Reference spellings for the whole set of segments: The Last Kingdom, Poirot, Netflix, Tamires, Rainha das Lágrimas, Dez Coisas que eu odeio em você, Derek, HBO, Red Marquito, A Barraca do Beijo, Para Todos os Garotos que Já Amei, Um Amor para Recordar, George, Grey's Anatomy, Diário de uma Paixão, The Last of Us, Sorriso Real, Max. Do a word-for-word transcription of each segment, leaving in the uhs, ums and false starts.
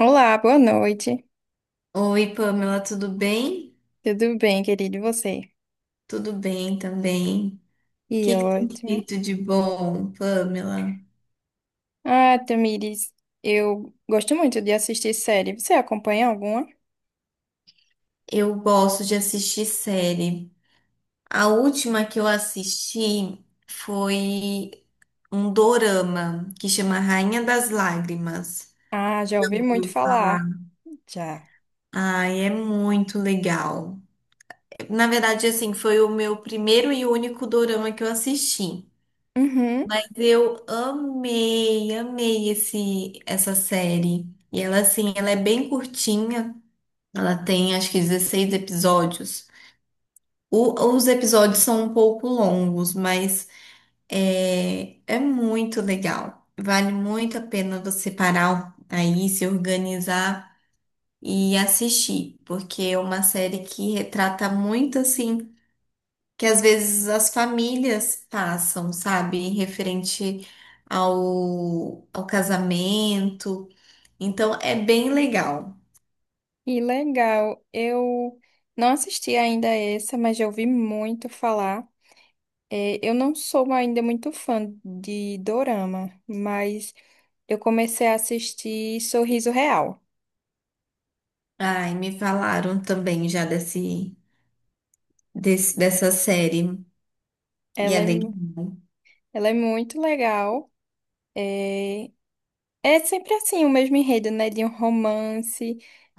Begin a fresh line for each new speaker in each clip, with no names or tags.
Olá, boa noite.
Oi, Pamela, tudo bem?
Tudo bem, querido, e você?
Tudo bem também. O
E
que que tem
ótimo.
feito de bom, Pamela?
Ah, Tamires, eu gosto muito de assistir série. Você acompanha alguma?
Eu gosto de assistir série. A última que eu assisti foi um dorama que chama Rainha das Lágrimas.
Ah, já ouvi muito
Ouviu falar.
falar. Já.
Ai, é muito legal. Na verdade, assim, foi o meu primeiro e único dorama que eu assisti.
Uhum.
Eu amei, amei esse, essa série. E ela, assim, ela é bem curtinha. Ela tem, acho que, dezesseis episódios. O- os episódios são um pouco longos, mas é, é muito legal. Vale muito a pena você parar aí, se organizar e assistir, porque é uma série que retrata muito, assim, que às vezes as famílias passam, sabe, referente ao, ao casamento. Então é bem legal.
E legal. Eu não assisti ainda essa, mas já ouvi muito falar. É, eu não sou ainda muito fã de dorama, mas eu comecei a assistir Sorriso Real.
Ai, me falaram também já desse, desse dessa série. E
Ela
é
é, mu-
legal.
ela é muito legal. É, É sempre assim, o mesmo enredo, né? De um romance,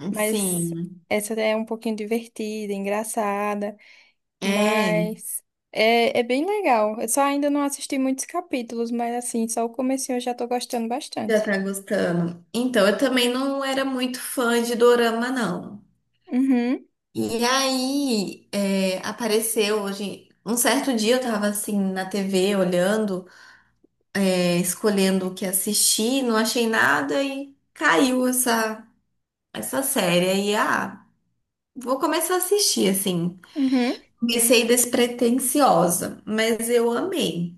mas
Sim,
essa é um pouquinho divertida, engraçada,
é,
mas é, é bem legal. Eu só ainda não assisti muitos capítulos, mas assim, só o comecinho eu já tô gostando
já
bastante.
tá gostando. Então, eu também não era muito fã de dorama, não.
Uhum,
E aí, é, apareceu hoje, um certo dia eu tava assim na T V olhando. É, escolhendo o que assistir, não achei nada e caiu essa, essa série. Aí, ah, vou começar a assistir, assim.
uhum,
Comecei despretensiosa, mas eu amei.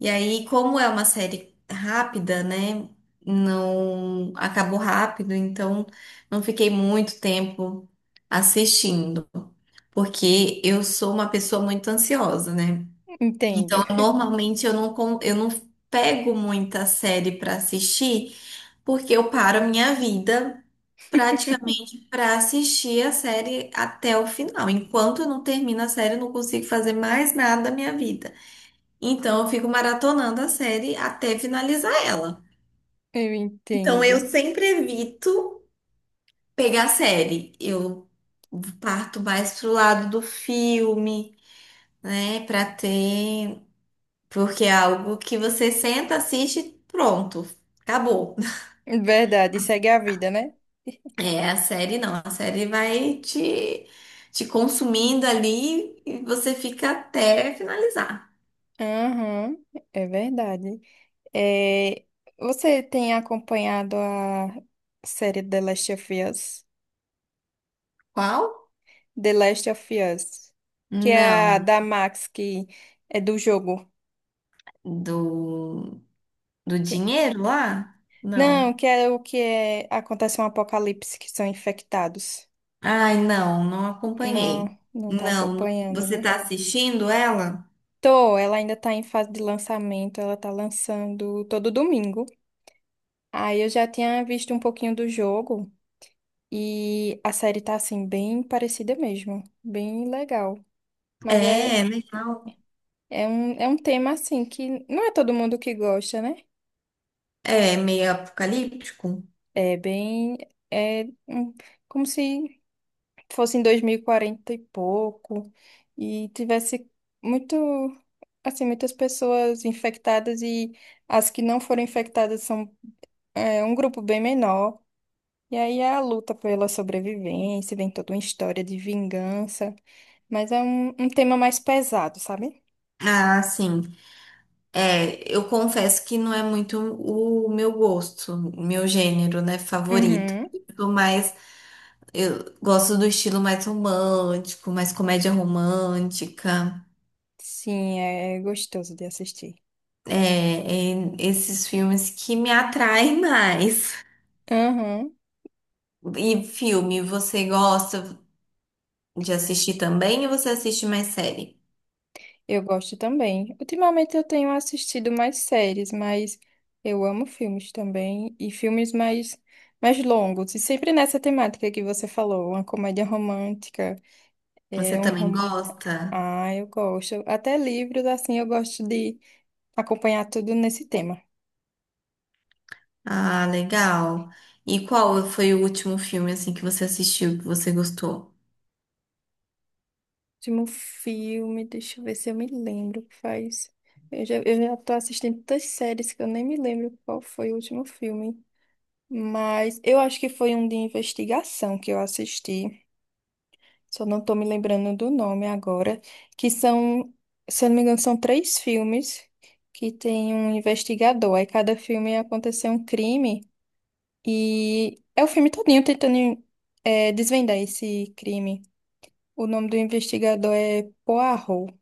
E aí, como é uma série rápida, né? Não acabou rápido, então não fiquei muito tempo assistindo, porque eu sou uma pessoa muito ansiosa, né?
entendo.
Então, normalmente eu não, con- eu não pego muita série para assistir, porque eu paro a minha vida praticamente para assistir a série até o final. Enquanto eu não termino a série, eu não consigo fazer mais nada da minha vida. Então eu fico maratonando a série até finalizar ela.
Eu
Então
entendo.
eu sempre evito pegar série. Eu parto mais pro lado do filme, né, para ter, porque é algo que você senta, assiste, pronto, acabou.
Verdade, segue a vida, né?
É, a série não, a série vai te, te consumindo ali e você fica até finalizar.
Aham, é verdade. É, você tem acompanhado a série The Last of Us?
Qual?
The Last of Us, que é a
Não.
da Max, que é do jogo.
Do, do
Que-
dinheiro lá?
Não,
Não.
que é o que é... acontece um apocalipse, que são infectados.
Ai, não, não acompanhei.
Não, não tá
Não,
acompanhando,
você
né?
tá assistindo ela?
Tô, ela ainda tá em fase de lançamento, ela tá lançando todo domingo. Aí eu já tinha visto um pouquinho do jogo e a série tá assim, bem parecida mesmo, bem legal. Mas
É,
é,
né?
é um, é um tema assim que não é todo mundo que gosta, né?
É meio apocalíptico.
É bem. É hum, como se fosse em dois mil e quarenta e pouco, e tivesse muito. Assim, muitas pessoas infectadas, e as que não foram infectadas são é, um grupo bem menor. E aí é a luta pela sobrevivência, vem toda uma história de vingança, mas é um, um tema mais pesado, sabe?
Ah, sim. É, eu confesso que não é muito o meu gosto, meu gênero, né, favorito.
Uhum.
Eu sou mais. Eu gosto do estilo mais romântico, mais comédia romântica.
Sim, é gostoso de assistir.
É, é esses filmes que me atraem mais.
Uhum.
E filme, você gosta de assistir também ou você assiste mais série?
Eu gosto também. Ultimamente eu tenho assistido mais séries, mas eu amo filmes também e filmes mais mais longos. E sempre nessa temática que você falou, uma comédia romântica,
Você
é um
também
romance.
gosta?
Ah, eu gosto. Até livros assim eu gosto de acompanhar tudo nesse tema.
Ah, legal. E qual foi o último filme assim que você assistiu que você gostou?
Último filme, deixa eu ver se eu me lembro que faz. Eu já, eu já tô assistindo tantas séries que eu nem me lembro qual foi o último filme. Mas eu acho que foi um de investigação que eu assisti. Só não tô me lembrando do nome agora. Que são, se eu não me engano, são três filmes que tem um investigador. Aí cada filme aconteceu um crime. E é o filme todinho tentando eh, desvendar esse crime. O nome do investigador é Poirot.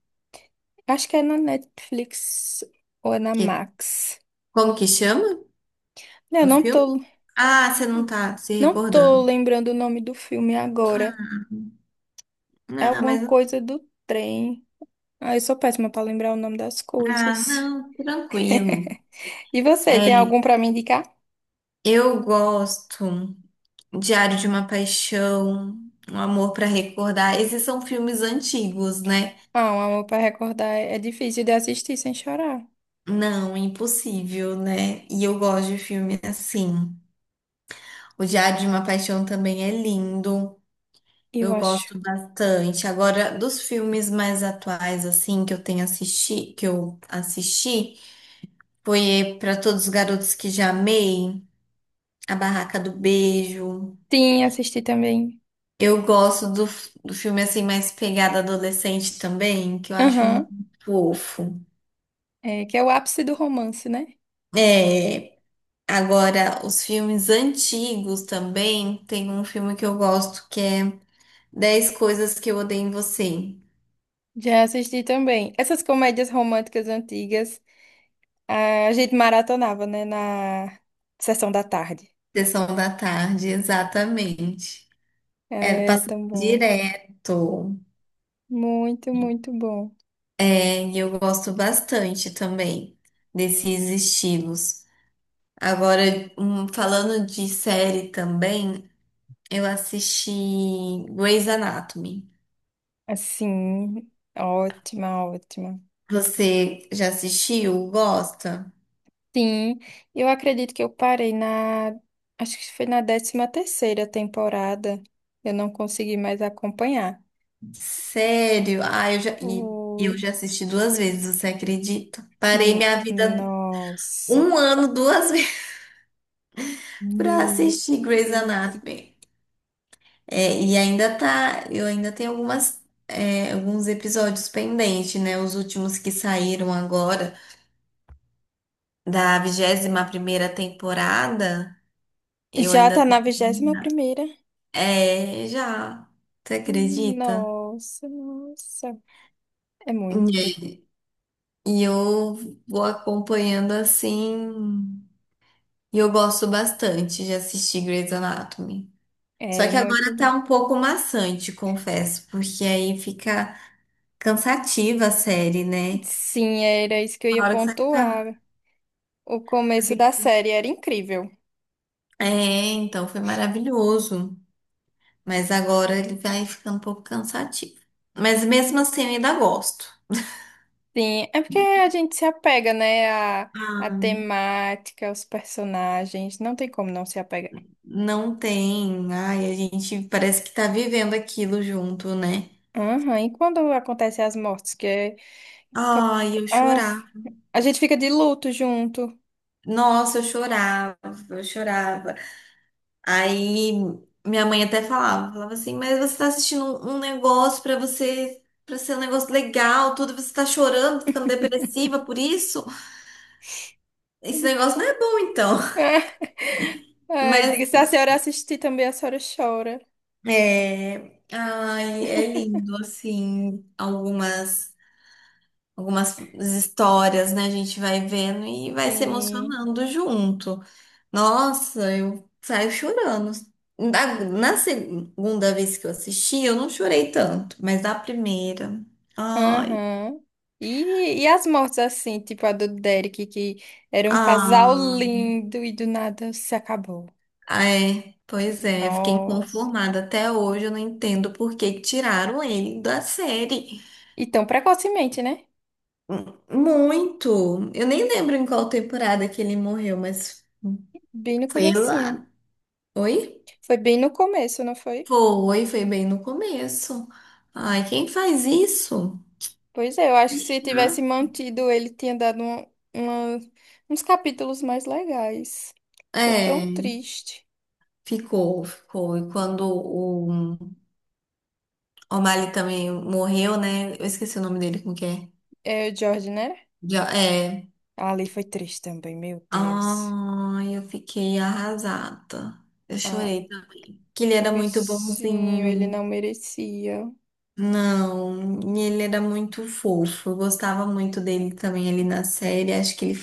Acho que é na Netflix ou é na
Que-
Max.
como que chama
Eu
o
não
filme?
tô,
Ah, você não tá se
não tô
recordando.
lembrando o nome do filme agora. É
Ah,
alguma
mas
coisa do trem. Ah, eu sou péssima pra lembrar o nome das
ah,
coisas.
não, tranquilo.
E você,
É,
tem algum pra me indicar?
eu gosto Diário de uma Paixão, Um Amor para Recordar. Esses são filmes antigos, né?
Ah, um amor pra recordar é é difícil de assistir sem chorar,
Não, impossível, né? E eu gosto de filme assim. O Diário de uma Paixão também é lindo.
eu
Eu
acho.
gosto bastante. Agora, dos filmes mais atuais, assim, que eu tenho assisti, que eu assisti, foi Para Todos os Garotos que Já Amei, A Barraca do Beijo.
Sim, assisti também.
Eu gosto do, f- do filme assim mais pegada adolescente também, que eu acho
Aham.
muito fofo.
É, que é o ápice do romance, né?
É, agora os filmes antigos também, tem um filme que eu gosto que é Dez Coisas que eu Odeio em Você.
Já assisti também. Essas comédias românticas antigas, a gente maratonava, né, na sessão da tarde.
Sessão da tarde, exatamente. É,
É
passa
tão bom.
direto.
Muito, muito bom.
É, e eu gosto bastante também desses estilos. Agora, hum, falando de série também, eu assisti Grey's Anatomy.
Assim, ótima, ótima.
Você já assistiu? Gosta?
Sim, eu acredito que eu parei na, acho que foi na décima terceira temporada. Eu não consegui mais acompanhar.
Sério? Ah, eu já, e eu
Ui,
já assisti duas vezes, você acredita? Parei
N-
minha vida
nossa,
um ano, duas vezes, pra
meu
assistir Grey's
Deus.
Anatomy. É, e ainda tá, eu ainda tenho algumas, é, alguns episódios pendentes, né? Os últimos que saíram agora da vigésima primeira temporada, eu
Já
ainda
tá na
tenho.
vigésima primeira.
É, já. Você acredita?
Nossa, nossa. É muito,
E e eu vou acompanhando assim. E eu gosto bastante de assistir Grey's Anatomy. Só
é
que
muito
agora
bom.
tá um pouco maçante, confesso, porque aí fica cansativa a série, né?
Sim, era isso que eu
Uma
ia
hora que você fica.
pontuar. O começo da série era incrível.
É, então foi maravilhoso. Mas agora ele vai ficando um pouco cansativo. Mas mesmo assim eu ainda gosto.
Sim, é porque a gente se apega, né, à, à
Ah,
temática, aos personagens, não tem como não se apegar.
não tem. Ai, a gente parece que tá vivendo aquilo junto, né?
Aham, e quando acontecem as mortes, que é...
Ai, eu
Ah,
chorar.
a gente fica de luto junto.
Nossa, eu chorava, eu chorava. Aí minha mãe até falava, falava assim, mas você tá assistindo um, um negócio pra você, para ser um negócio legal, tudo, você tá chorando, tá ficando depressiva por isso? Esse negócio não é bom então.
Ai,
Mas
diga, se a senhora assistir também, a senhora chora.
é, ai, é lindo assim, algumas algumas histórias, né? A gente vai vendo e vai se
Sim.
emocionando junto. Nossa, eu saio chorando. Na, na segunda vez que eu assisti, eu não chorei tanto, mas na primeira. Ai,
Aham. E, e as mortes assim, tipo a do Derek, que era um casal
ah,
lindo e do nada se acabou.
é. Pois é, fiquei
Nossa.
inconformada. Até hoje eu não entendo por que que tiraram ele da série.
E tão precocemente, né?
M- muito. Eu nem lembro em qual temporada que ele morreu, mas
Bem no
foi lá.
comecinho.
Oi?
Foi bem no começo, não foi?
Foi, foi bem no começo. Ai, quem faz isso?
Pois é, eu acho que se
Ah.
tivesse mantido, ele tinha dado uma- uma- uns capítulos mais legais. Ficou tão
É.
triste.
Ficou, ficou. E quando o O'Malley também morreu, né? Eu esqueci o nome dele, como que é?
É o George, né?
Jo- é.
Ah, Ali foi triste também, meu Deus.
Ai, eu fiquei arrasada. Eu
Ah,
chorei. Que ele
o
era muito
bichinho, ele
bonzinho.
não merecia.
Não, e ele era muito fofo. Eu gostava muito dele também ali na série. Acho que ele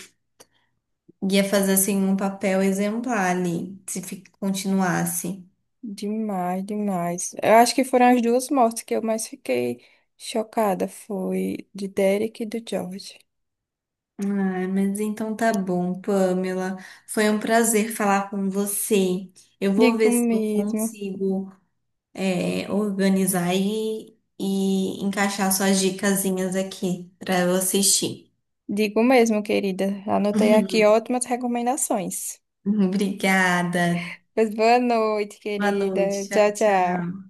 ia fazer assim um papel exemplar ali, se fi- continuasse.
Demais, demais. Eu acho que foram as duas mortes que eu mais fiquei chocada. Foi de Derek e do George.
Ah, mas então tá bom, Pamela. Foi um prazer falar com você. Eu vou
Digo
ver se eu
mesmo.
consigo, é, organizar e, e encaixar suas dicasinhas aqui para eu assistir.
Digo mesmo, querida. Anotei aqui ótimas recomendações.
Obrigada.
Pois boa noite,
Boa
querida.
noite. Tchau,
Tchau,
tchau.
tchau.